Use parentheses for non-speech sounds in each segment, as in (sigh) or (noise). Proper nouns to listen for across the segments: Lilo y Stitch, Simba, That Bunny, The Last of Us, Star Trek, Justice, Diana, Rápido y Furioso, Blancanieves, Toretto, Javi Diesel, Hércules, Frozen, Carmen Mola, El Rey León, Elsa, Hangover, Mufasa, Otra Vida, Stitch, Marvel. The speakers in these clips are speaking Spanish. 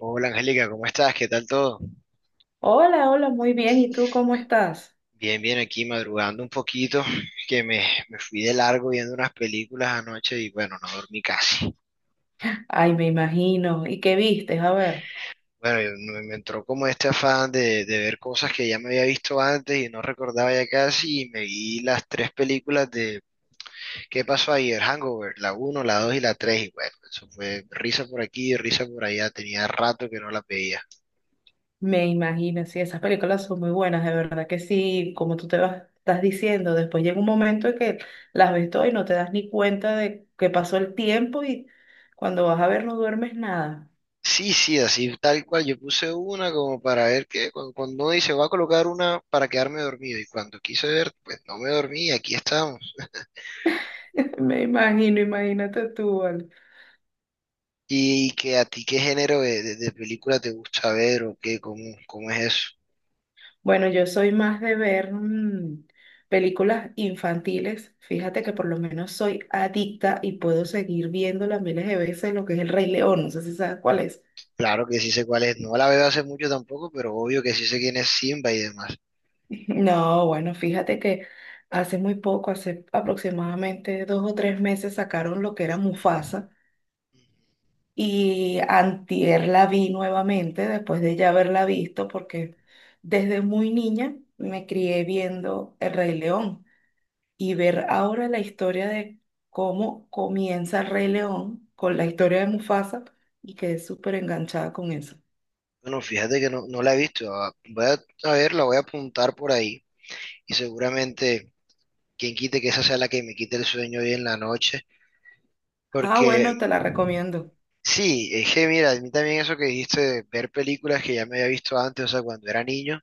Hola Angélica, ¿cómo estás? ¿Qué tal todo? Hola, hola, muy bien. ¿Y tú cómo estás? Bien, bien, aquí madrugando un poquito, que me, me fui de largo viendo unas películas anoche y bueno, no dormí casi. Ay, me imagino. ¿Y qué vistes? A ver, Bueno, me entró como este afán de ver cosas que ya me había visto antes y no recordaba ya casi y me vi las tres películas de ¿Qué pasó ayer? Hangover, la uno, la 2 y la 3 y bueno, eso fue risa por aquí, risa por allá, tenía rato que no las veía. me imagino. Sí, esas películas son muy buenas, de verdad que sí. Como tú te vas, estás diciendo, después llega un momento en que las ves todas y no te das ni cuenta de que pasó el tiempo y cuando vas a ver no duermes nada. Sí, sí, así tal cual. Yo puse una como para ver que cuando uno dice voy a colocar una para quedarme dormido y cuando quise ver, pues no me dormí y aquí estamos. (laughs) Me imagino, imagínate tú, vale. ¿Y que a ti qué género de película te gusta ver o qué? ¿Cómo, cómo es eso? Bueno, yo soy más de ver películas infantiles. Fíjate que por lo menos soy adicta y puedo seguir viéndola miles de veces, lo que es El Rey León. No sé si sabes cuál es. Claro que sí sé cuál es. No la veo hace mucho tampoco, pero obvio que sí sé quién es Simba y demás. (laughs) No, bueno, fíjate que hace muy poco, hace aproximadamente dos o tres meses, sacaron lo que era Mufasa y antier la vi nuevamente después de ya haberla visto porque desde muy niña me crié viendo El Rey León. Y ver ahora la historia de cómo comienza el Rey León con la historia de Mufasa y quedé súper enganchada con eso. Bueno, fíjate que no, no la he visto. Ah, voy a ver, la voy a apuntar por ahí y seguramente quien quite que esa sea la que me quite el sueño hoy en la noche. Ah, Porque bueno, te la recomiendo. sí, es que mira, a mí también eso que dijiste de ver películas que ya me había visto antes, o sea, cuando era niño,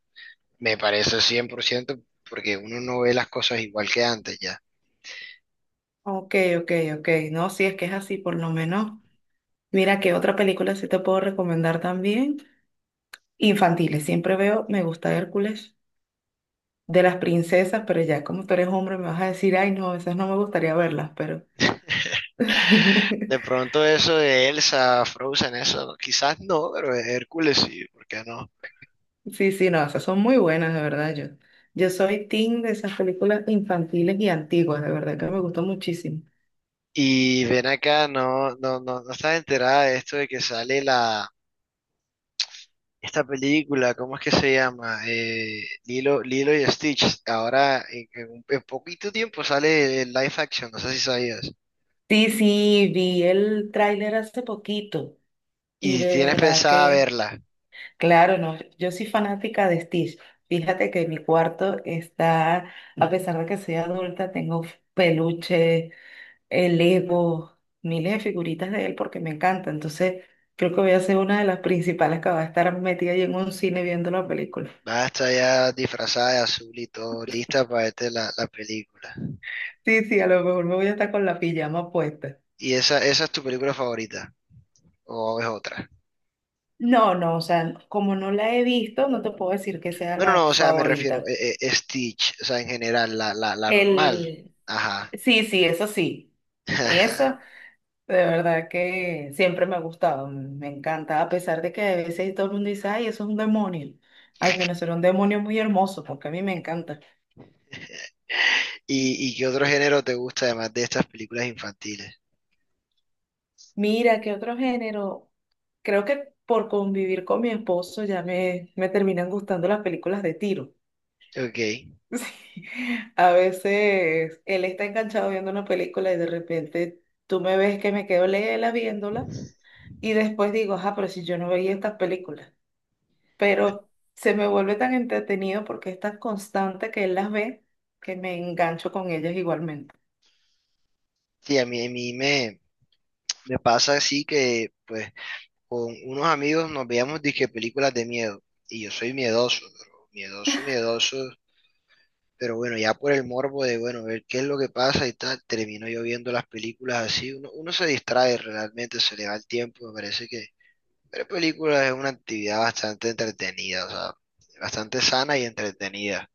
me parece 100% porque uno no ve las cosas igual que antes ya. Ok, ok, ok. No, si es que es así, por lo menos. Mira, ¿qué otra película sí te puedo recomendar también? Infantiles. Siempre veo, me gusta Hércules, de las princesas, pero ya como tú eres hombre me vas a decir, ay, no, esas no me gustaría verlas, pero... (laughs) De (laughs) pronto eso de Elsa, Frozen, eso, quizás no, pero Hércules sí, ¿por qué no? Sí, sí, no, esas son muy buenas, de verdad. Yo soy team de esas películas infantiles y antiguas, de verdad que me gustó muchísimo. Y ven acá, no, no, no, no estás enterada de esto de que sale esta película, ¿cómo es que se llama? Lilo, Lilo y Stitch. Ahora, en poquito tiempo sale el live action, no sé si sabías. Sí, sí, vi el tráiler hace poquito y Y de tienes verdad pensada que, verla. claro, no, yo soy fanática de Stitch. Fíjate que mi cuarto está, a pesar de que soy adulta, tengo peluche, el Lego, miles de figuritas de él porque me encanta. Entonces, creo que voy a ser una de las principales que va a estar metida ahí en un cine viendo la película. Va a estar ya disfrazada de azul y todo, lista para verte la película. Sí, sí, a lo mejor me voy a estar con la pijama puesta. ¿Y esa es tu película favorita? ¿O es otra? No, no, o sea, como no la he visto, no te puedo decir que sea No, no, la no, o sea, me refiero favorita. a Stitch, o sea, en general, la normal. El, Ajá. sí, sí, eso sí. (laughs) Esa, de verdad que siempre me ha gustado, me encanta, a pesar de que a veces todo el mundo dice, ay, eso es un demonio. Ay, pero será un demonio muy hermoso, porque a mí me encanta. ¿Y, y qué otro género te gusta además de estas películas infantiles? Mira, ¿qué otro género? Creo que por convivir con mi esposo ya me terminan gustando las películas de tiro. Ok. (laughs) Sí, a veces él está enganchado viendo una película y de repente tú me ves que me quedo lela viéndola y después digo, ah, pero si yo no veía estas películas. Pero se me vuelve tan entretenido porque es tan constante que él las ve que me engancho con ellas igualmente. Sí, a mí me pasa así que, pues, con unos amigos nos veíamos disque películas de miedo. Y yo soy miedoso, pero miedoso, miedoso. Pero bueno, ya por el morbo de, bueno, ver qué es lo que pasa y tal, termino yo viendo las películas así, uno se distrae realmente, se le va el tiempo, me parece que ver películas es una actividad bastante entretenida, o sea, bastante sana y entretenida.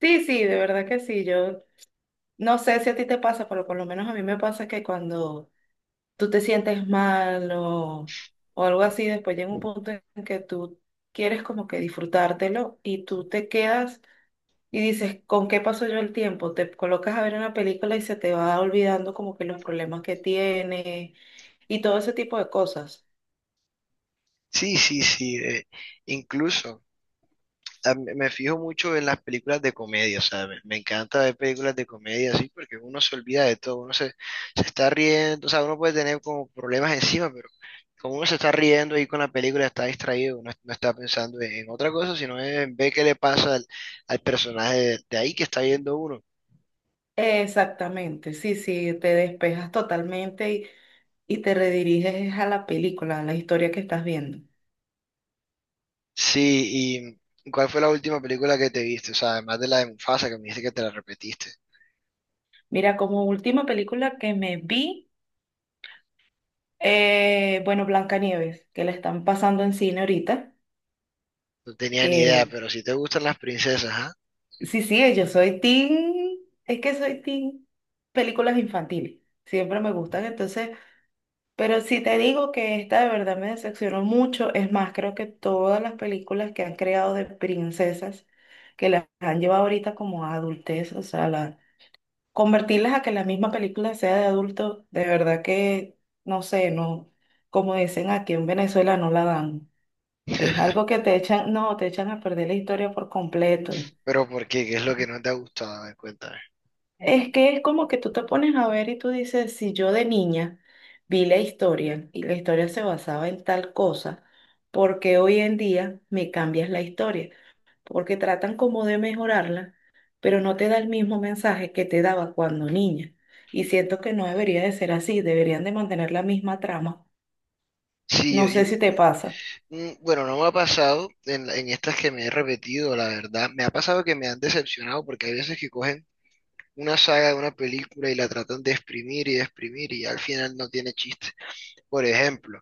Sí, sí, de verdad que sí. Yo no sé si a ti te pasa, pero por lo menos a mí me pasa que cuando tú te sientes mal o algo así, después llega un punto en que tú quieres como que disfrutártelo y tú te quedas y dices, ¿con qué pasó yo el tiempo? Te colocas a ver una película y se te va olvidando como que los problemas que tiene y todo ese tipo de cosas. Sí, sí, sí, incluso me fijo mucho en las películas de comedia, o sea, me encanta ver películas de comedia así porque uno se olvida de todo, se está riendo, o sea, uno puede tener como problemas encima, pero como uno se está riendo ahí con la película, está distraído, no, no está pensando en otra cosa, sino en ver qué le pasa al personaje de ahí que está viendo uno. Exactamente, sí, sí, te despejas totalmente y te rediriges a la película, a la historia que estás viendo. Sí, ¿y cuál fue la última película que te viste? O sea, además de la de Mufasa, que me dijiste que te la repetiste. Mira, como última película que me vi, eh, bueno, Blancanieves, que la están pasando en cine ahorita, No tenía ni idea, que pero si te gustan las princesas, ¿ah? sí, sí, yo soy teen, es que soy teen películas infantiles, siempre me gustan, entonces, pero si te digo que esta de verdad me decepcionó mucho, es más, creo que todas las películas que han creado de princesas, que las han llevado ahorita como a adultez, o sea, la- convertirlas a que la misma película sea de adulto, de verdad que, no sé, no, como dicen aquí en Venezuela, no la dan. Es algo que (laughs) te echan, no, te echan a perder la historia por completo. Pero ¿por qué? ¿Qué es lo que no te ha gustado? A ver, cuéntame. Es que es como que tú te pones a ver y tú dices, si yo de niña vi la historia y la historia se basaba en tal cosa, ¿por qué hoy en día me cambias la historia? Porque tratan como de mejorarla, pero no te da el mismo mensaje que te daba cuando niña. Y siento que no debería de ser así, deberían de mantener la misma trama. Sí, No sé si te yo- pasa. Bueno, no me ha pasado en estas que me he repetido, la verdad. Me ha pasado que me han decepcionado porque hay veces que cogen una saga de una película y la tratan de exprimir y al final no tiene chiste. Por ejemplo,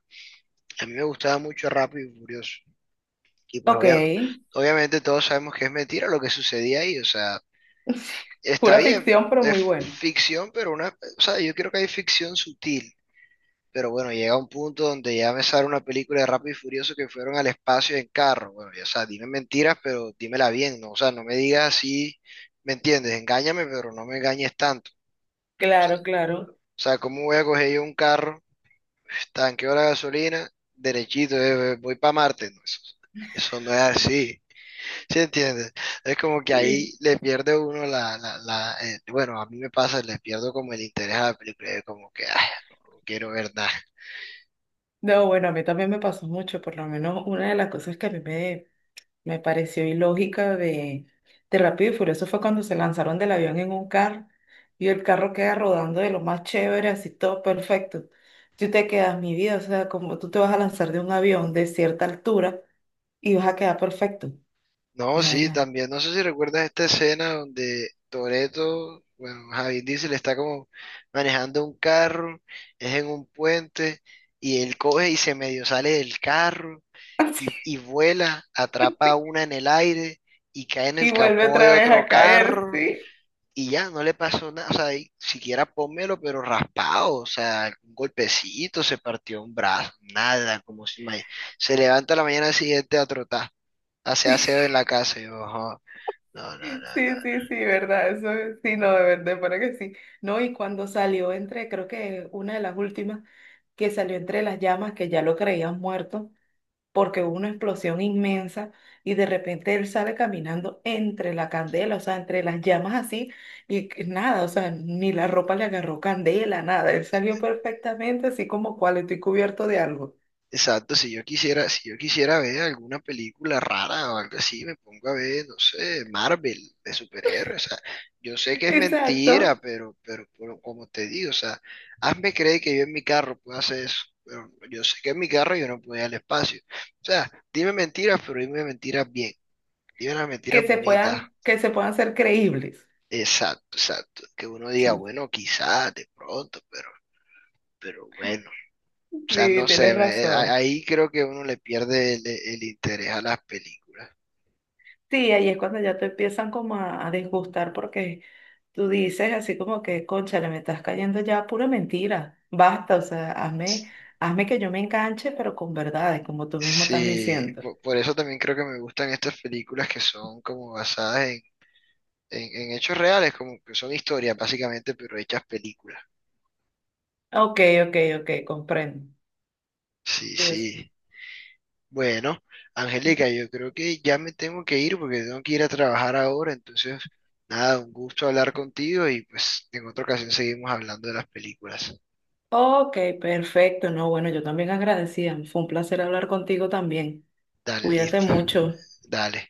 a mí me gustaba mucho Rápido y Furioso. Y pues Ok. Obviamente todos sabemos que es mentira lo que sucedía ahí. O sea, (laughs) está Pura bien, ficción, pero es muy bueno. ficción, pero o sea, yo creo que hay ficción sutil. Pero bueno, llega un punto donde ya me sale una película de Rápido y Furioso que fueron al espacio en carro. Bueno, ya, o sea, dime mentiras, pero dímela bien, ¿no? O sea, no me digas así, ¿me entiendes? Engáñame, pero no me engañes tanto. Claro, claro. O sea, ¿cómo voy a coger yo un carro, tanqueo la gasolina, derechito, voy para Marte? No, eso no es así, ¿sí entiendes? Es como que Sí. ahí le pierde uno la, la, la bueno, a mí me pasa, le pierdo como el interés a la película, como que, ay, no quiero ver nada. No, bueno, a mí también me pasó mucho, por lo menos una de las cosas que a mí me pareció ilógica de Rápido y Furioso fue cuando se lanzaron del avión en un carro y el carro queda rodando de lo más chévere, así todo perfecto. Tú te quedas, mi vida, o sea, como tú te vas a lanzar de un avión de cierta altura y vas a quedar perfecto. No, sí, Eh, también, no sé si recuerdas esta escena donde Toretto, bueno, Javi Diesel está como manejando un carro, es en un puente, y él coge y se medio sale del carro y vuela, atrapa a una en el aire y cae (laughs) en y el vuelve capó otra de vez a otro caer, carro sí. y ya, no le pasó nada, o sea, y siquiera pónmelo, pero raspado, o sea, un golpecito, se partió un brazo, nada, como si ma- se levanta a la mañana siguiente a trotar, hace aseo en la casa, y yo, "Ajá, no, no, no, Sí, no." sí, sí, verdad, eso es- sí, no, de verdad, para que sí. No, y cuando salió entre, creo que una de las últimas, que salió entre las llamas, que ya lo creían muerto, porque hubo una explosión inmensa y de repente él sale caminando entre la candela, o sea, entre las llamas así, y que nada, o sea, ni la ropa le agarró candela, nada, él salió perfectamente así como cual estoy cubierto de algo. Exacto, si yo quisiera, si yo quisiera ver alguna película rara o algo así, me pongo a ver, no sé, Marvel de superhéroes. O sea, yo sé que es Exacto, mentira, pero como te digo, o sea, hazme creer que yo en mi carro puedo hacer eso. Pero yo sé que en mi carro yo no puedo ir al espacio. O sea, dime mentiras, pero dime mentiras bien. Dime las mentiras bonitas. Que se puedan ser creíbles. Exacto, exacto. Que uno diga, Sí, bueno, quizás, de pronto, pero bueno. O sea, sí, no sé, tienes razón. ahí creo que uno le pierde el interés a las películas. Sí, ahí es cuando ya te empiezan como a disgustar porque tú dices así como que, cónchale, me estás cayendo ya a pura mentira. Basta, o sea, hazme, S- hazme que yo me enganche, pero con verdades, como tú mismo estás Sí, diciendo. Eso también creo que me gustan estas películas que son como basadas en hechos reales, como que son historias básicamente, pero hechas películas. Ok, ok, ok, comprendo. Sí, Sí, eso. sí. Bueno, Angélica, yo creo que ya me tengo que ir porque tengo que ir a trabajar ahora, entonces, nada, un gusto hablar contigo y pues en otra ocasión seguimos hablando de las películas. Ok, perfecto. No, bueno, yo también agradecida. Fue un placer hablar contigo también. Dale, Cuídate listo. mucho. Dale.